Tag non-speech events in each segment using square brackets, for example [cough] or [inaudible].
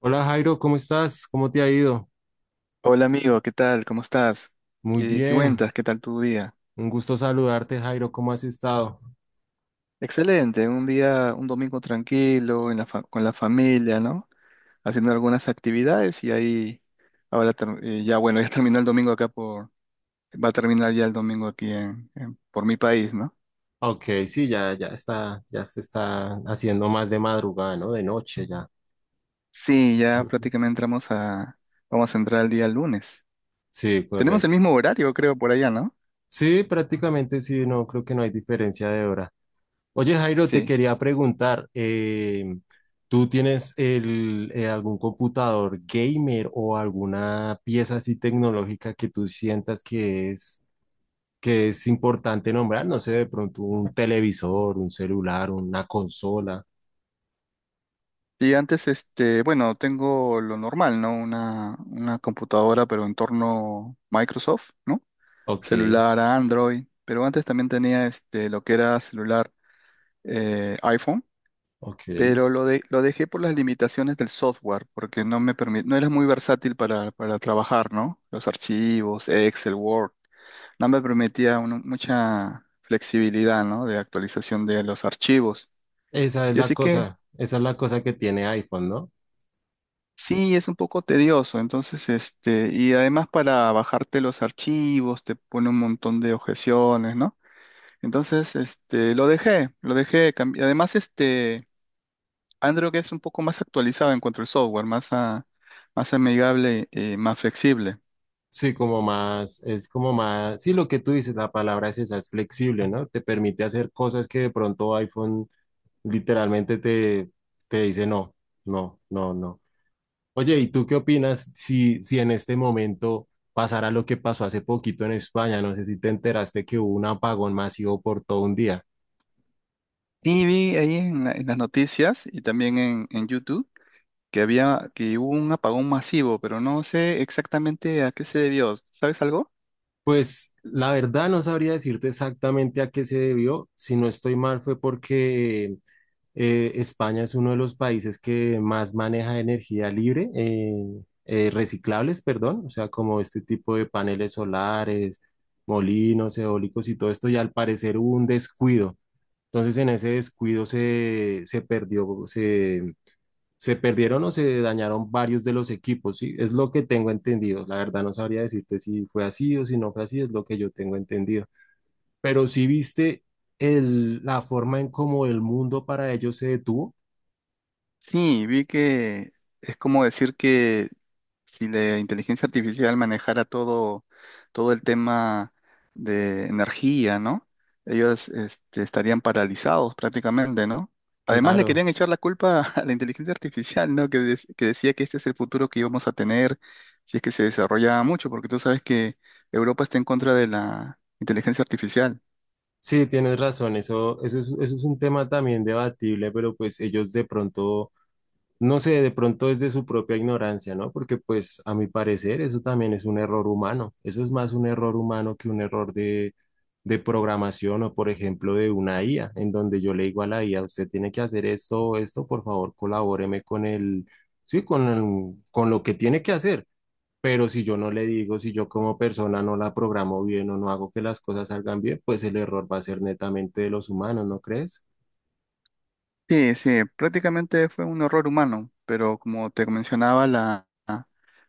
Hola Jairo, ¿cómo estás? ¿Cómo te ha ido? Hola amigo, ¿qué tal? ¿Cómo estás? Muy ¿Qué bien, cuentas? ¿Qué tal tu día? un gusto saludarte Jairo, ¿cómo has estado? Excelente, un día, un domingo tranquilo, en la con la familia, ¿no? Haciendo algunas actividades y ahí, ya bueno, [laughs] ya terminó el domingo acá por, va a terminar ya el domingo aquí por mi país, ¿no? Ok, sí, ya, ya está, ya se está haciendo más de madrugada, ¿no? De noche ya. Sí, ya [laughs] prácticamente entramos a, vamos a entrar el día lunes. Sí, Tenemos el correcto. mismo horario, creo, por allá, ¿no? Sí, prácticamente sí, no, creo que no hay diferencia de hora. Oye Jairo, te Sí. quería preguntar, ¿tú tienes algún computador gamer o alguna pieza así tecnológica que tú sientas que es importante nombrar, no sé, de pronto un televisor, un celular, una consola. Y antes, este, bueno, tengo lo normal, ¿no? Una computadora, pero en torno Microsoft, ¿no? Ok, Celular a Android, pero antes también tenía este, lo que era celular iPhone, ok. pero lo dejé por las limitaciones del software, porque no me permite, no era muy versátil para trabajar, ¿no? Los archivos, Excel, Word, no me permitía mucha flexibilidad, ¿no? De actualización de los archivos. Esa es Y la así que cosa, esa es la cosa que tiene iPhone, ¿no? sí, es un poco tedioso, entonces, este, y además para bajarte los archivos te pone un montón de objeciones, ¿no? Entonces, este, lo dejé, además, este, Android es un poco más actualizado en cuanto al software, más amigable, más flexible. Sí, como más, es como más, sí, lo que tú dices, la palabra es esa, es flexible, ¿no? Te permite hacer cosas que de pronto iPhone literalmente te, te dice no, no, no, no. Oye, ¿y tú qué opinas si, si en este momento pasará lo que pasó hace poquito en España? No sé si te enteraste que hubo un apagón masivo por todo un día. Y vi ahí en las noticias y también en YouTube que había, que hubo un apagón masivo, pero no sé exactamente a qué se debió, ¿sabes algo? Pues la verdad no sabría decirte exactamente a qué se debió. Si no estoy mal, fue porque España es uno de los países que más maneja energía libre, reciclables, perdón, o sea, como este tipo de paneles solares, molinos, eólicos y todo esto, y al parecer hubo un descuido. Entonces en ese descuido se, se perdió, se perdieron o se dañaron varios de los equipos, ¿sí? Es lo que tengo entendido. La verdad no sabría decirte si fue así o si no fue así, es lo que yo tengo entendido. Pero si viste el, la forma en cómo el mundo para ellos se detuvo, Sí, vi que es como decir que si la inteligencia artificial manejara todo, todo el tema de energía, ¿no? Ellos este, estarían paralizados prácticamente, ¿no? Además le claro. querían echar la culpa [laughs] a la inteligencia artificial, ¿no? Que decía que este es el futuro que íbamos a tener si es que se desarrollaba mucho, porque tú sabes que Europa está en contra de la inteligencia artificial. Sí, tienes razón, eso, eso es un tema también debatible, pero pues ellos de pronto no sé, de pronto es de su propia ignorancia, ¿no? Porque pues a mi parecer eso también es un error humano. Eso es más un error humano que un error de programación o por ejemplo de una IA, en donde yo le digo a la IA, usted tiene que hacer esto o esto, por favor, colabóreme con el, sí, con el- con lo que tiene que hacer. Pero si yo no le digo, si yo como persona no la programo bien o no hago que las cosas salgan bien, pues el error va a ser netamente de los humanos, ¿no crees? Sí, sí, prácticamente fue un error humano, pero como te mencionaba, la...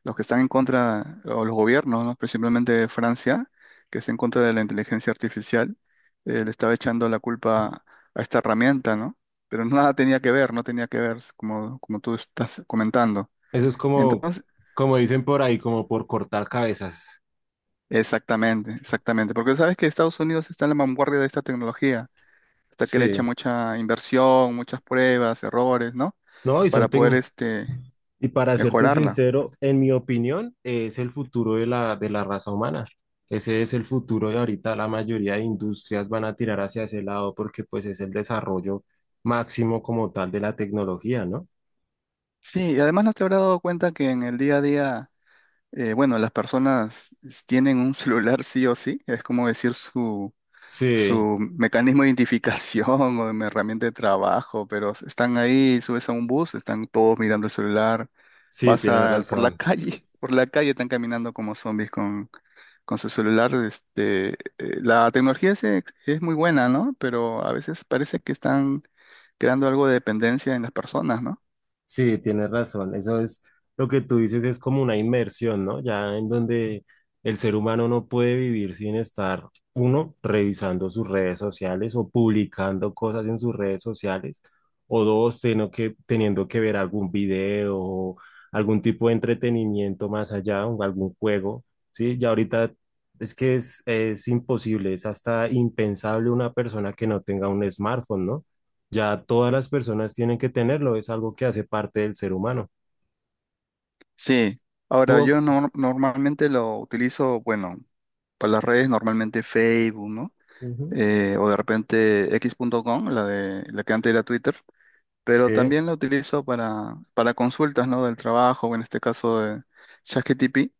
los que están en contra, o los gobiernos, ¿no? Principalmente Francia, que está en contra de la inteligencia artificial, le estaba echando la culpa a esta herramienta, ¿no? Pero nada tenía que ver, no tenía que ver, como, como tú estás comentando. Eso es como, Entonces, como dicen por ahí, como por cortar cabezas. exactamente, exactamente, porque sabes que Estados Unidos está en la vanguardia de esta tecnología, hasta que le echa Sí, mucha inversión, muchas pruebas, errores, ¿no? no, y son Para poder tec- este, y para serte mejorarla. sincero, en mi opinión, es el futuro de de la raza humana. Ese es el futuro de ahorita. La mayoría de industrias van a tirar hacia ese lado porque pues es el desarrollo máximo como tal de la tecnología, ¿no? Sí, y además no te habrás dado cuenta que en el día a día bueno, las personas tienen un celular sí o sí, es como decir su, Sí, su mecanismo de identificación [laughs] o de herramienta de trabajo, pero están ahí, subes a un bus, están todos mirando el celular, sí, tienes por la razón. calle, [laughs] por la calle están caminando como zombies con su celular. La es muy buena, ¿no? Pero a veces parece que están creando algo de dependencia en las personas, ¿no? Sí, tienes razón. Eso es lo que tú dices, es como una inmersión, ¿no? Ya en donde el ser humano no puede vivir sin estar, uno, revisando sus redes sociales o publicando cosas en sus redes sociales, o dos, teniendo que ver algún video o algún tipo de entretenimiento más allá, o algún juego, ¿sí? Ya ahorita es que es imposible, es hasta impensable una persona que no tenga un smartphone, ¿no? Ya todas las personas tienen que tenerlo, es algo que hace parte del ser humano. Sí. Ahora, Tú, yo normalmente lo utilizo, bueno, para las redes, normalmente Facebook, ¿no? ujú, O de repente x.com, la de la que antes era Twitter, pero sí, también la utilizo para consultas, ¿no? Del trabajo, o en este caso de ChatGPT,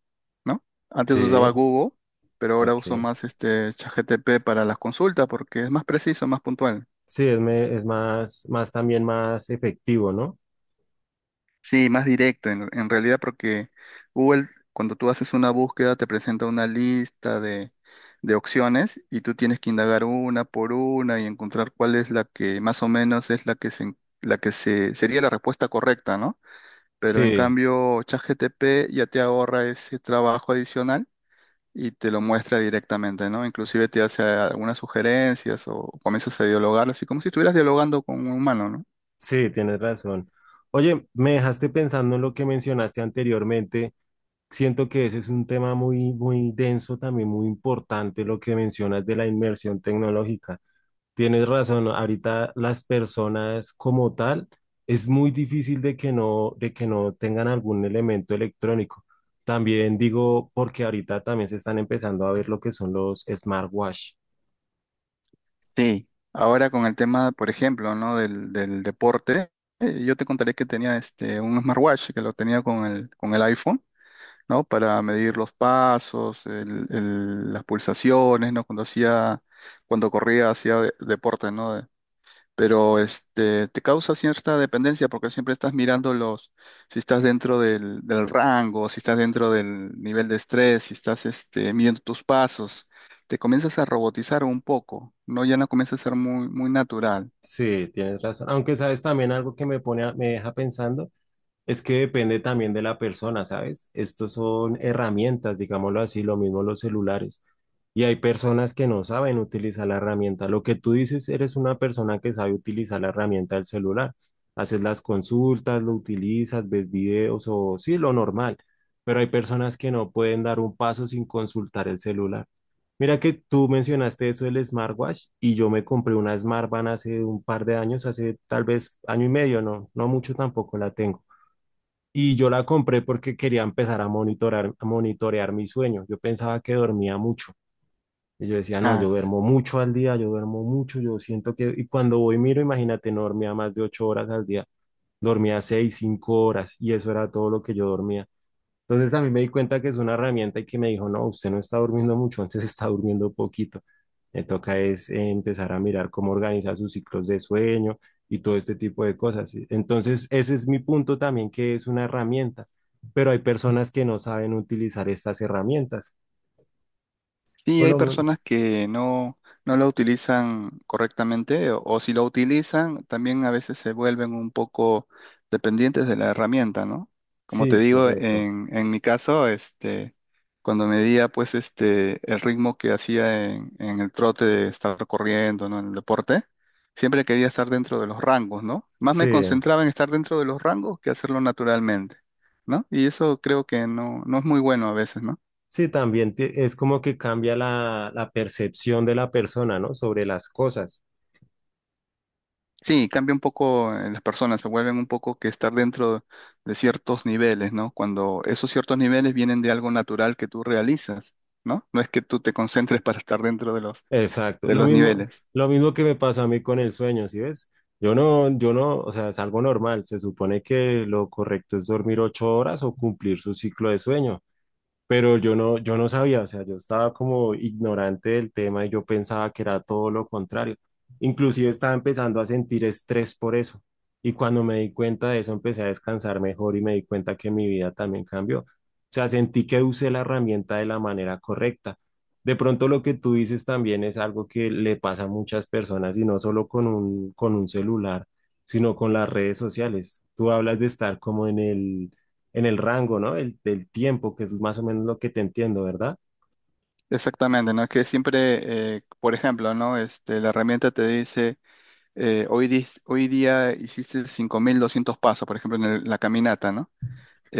¿no? Antes usaba sí, Google, pero ahora ok. uso más este ChatGPT para las consultas porque es más preciso, más puntual. Sí, es más, más también más efectivo, ¿no? Sí, más directo, en realidad, porque Google, cuando tú haces una búsqueda, te presenta una lista de opciones y tú tienes que indagar una por una y encontrar cuál es la que más o menos es la que la que se, sería la respuesta correcta, ¿no? Pero en Sí, cambio, ChatGPT ya te ahorra ese trabajo adicional y te lo muestra directamente, ¿no? Inclusive te hace algunas sugerencias o comienzas a dialogar, así como si estuvieras dialogando con un humano, ¿no? sí, tienes razón. Oye, me dejaste pensando en lo que mencionaste anteriormente. Siento que ese es un tema muy, muy denso, también muy importante, lo que mencionas de la inmersión tecnológica. Tienes razón, ahorita las personas como tal es muy difícil de que no tengan algún elemento electrónico. También digo, porque ahorita también se están empezando a ver lo que son los smartwatch. Sí, ahora con el tema, por ejemplo, ¿no? Del deporte, yo te contaré que tenía este, un smartwatch que lo tenía con el iPhone, ¿no? Para medir los pasos, las pulsaciones, ¿no? Cuando hacía, cuando corría, hacía deporte, ¿no? Pero este, te causa cierta dependencia porque siempre estás mirando los, si estás dentro del, del rango, si estás dentro del nivel de estrés, si estás este, midiendo tus pasos, te comienzas a robotizar un poco, ¿no? Ya no comienza a ser muy, muy natural. Sí, tienes razón. Aunque sabes también algo que me deja pensando. Es que depende también de la persona, ¿sabes? Estos son herramientas, digámoslo así, lo mismo los celulares. Y hay personas que no saben utilizar la herramienta. Lo que tú dices, eres una persona que sabe utilizar la herramienta del celular. Haces las consultas, lo utilizas, ves videos o sí, lo normal. Pero hay personas que no pueden dar un paso sin consultar el celular. Mira que tú mencionaste eso del smartwatch y yo me compré una Smartband hace un par de años, hace tal vez año y medio, no, no mucho tampoco la tengo. Y yo la compré porque quería empezar a monitorar, a monitorear mi sueño. Yo pensaba que dormía mucho. Y yo decía, no, yo duermo mucho al día, yo duermo mucho, yo siento que... Y cuando voy, miro, imagínate, no dormía más de 8 horas al día, dormía 6, 5 horas, y eso era todo lo que yo dormía. Entonces a mí me di cuenta que es una herramienta y que me dijo, no, usted no está durmiendo mucho, antes está durmiendo poquito. Me toca es empezar a mirar cómo organiza sus ciclos de sueño y todo este tipo de cosas. Entonces ese es mi punto también, que es una herramienta, pero hay personas que no saben utilizar estas herramientas. Sí, Por hay lo men- personas que no, no la utilizan correctamente o si lo utilizan, también a veces se vuelven un poco dependientes de la herramienta, ¿no? Como te sí, digo, correcto. En mi caso, este, cuando medía pues este, el ritmo que hacía en el trote de estar corriendo, ¿no? En el deporte, siempre quería estar dentro de los rangos, ¿no? Más me Sí, concentraba en estar dentro de los rangos que hacerlo naturalmente, ¿no? Y eso creo que no, no es muy bueno a veces, ¿no? Es como que cambia la, la percepción de la persona, ¿no? Sobre las cosas. Sí, cambia un poco en las personas, se vuelven un poco que estar dentro de ciertos niveles, ¿no? Cuando esos ciertos niveles vienen de algo natural que tú realizas, ¿no? No es que tú te concentres para estar dentro Exacto, de los niveles. lo mismo que me pasa a mí con el sueño, ¿sí ves? Yo no, yo no, o sea, es algo normal. Se supone que lo correcto es dormir 8 horas o cumplir su ciclo de sueño. Pero yo no, yo no sabía, o sea, yo estaba como ignorante del tema y yo pensaba que era todo lo contrario. Inclusive estaba empezando a sentir estrés por eso. Y cuando me di cuenta de eso, empecé a descansar mejor y me di cuenta que mi vida también cambió. O sea, sentí que usé la herramienta de la manera correcta. De pronto lo que tú dices también es algo que le pasa a muchas personas y no solo con un celular, sino con las redes sociales. Tú hablas de estar como en el rango, ¿no? El, del tiempo, que es más o menos lo que te entiendo, ¿verdad? Exactamente, ¿no? Es que siempre, por ejemplo, ¿no? Este, la herramienta te dice, hoy día hiciste 5200 pasos, por ejemplo, en la caminata, ¿no?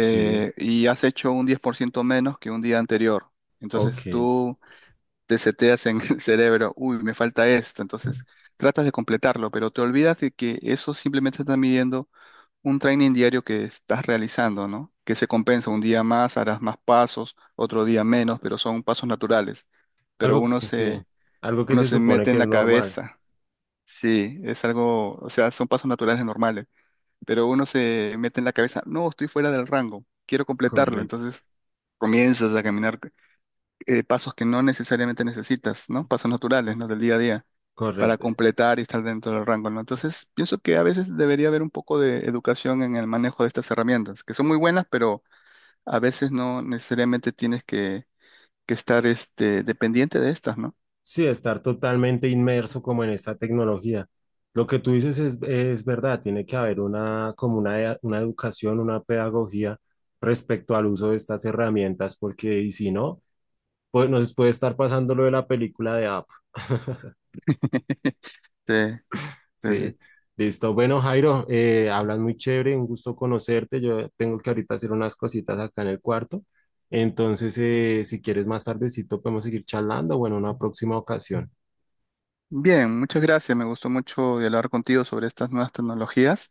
Sí, Y has hecho un 10% menos que un día anterior. Entonces ok. tú te seteas en el [laughs] cerebro, uy, me falta esto, entonces tratas de completarlo, pero te olvidas de que eso simplemente está midiendo un training diario que estás realizando, ¿no? Que se compensa, un día más harás más pasos, otro día menos, pero son pasos naturales. Pero Algo, sí, algo que uno se se supone mete que en es la normal. cabeza, sí, es algo, o sea, son pasos naturales normales, pero uno se mete en la cabeza, no, estoy fuera del rango, quiero completarlo, Correcto, entonces comienzas a caminar pasos que no necesariamente necesitas, ¿no? Pasos naturales, ¿no? Del día a día, para correcto. completar y estar dentro del rango, ¿no? Entonces, pienso que a veces debería haber un poco de educación en el manejo de estas herramientas, que son muy buenas, pero a veces no necesariamente tienes que estar este, dependiente de estas, ¿no? Sí, estar totalmente inmerso como en esta tecnología. Lo que tú dices es verdad, tiene que haber una, como una, una educación, una pedagogía respecto al uso de estas herramientas, porque y si no, pues nos puede estar pasando lo de la película de App. [laughs] [laughs] Sí, sí, sí. Sí, listo. Bueno, Jairo, hablas muy chévere, un gusto conocerte. Yo tengo que ahorita hacer unas cositas acá en el cuarto. Entonces, si quieres más tardecito, podemos seguir charlando. Bueno, una próxima ocasión. Bien, muchas gracias. Me gustó mucho dialogar contigo sobre estas nuevas tecnologías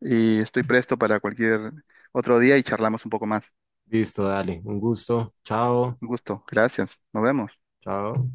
y estoy presto para cualquier otro día y charlamos un poco más. Listo, dale, un gusto. Chao, Un gusto. Gracias. Nos vemos. chao.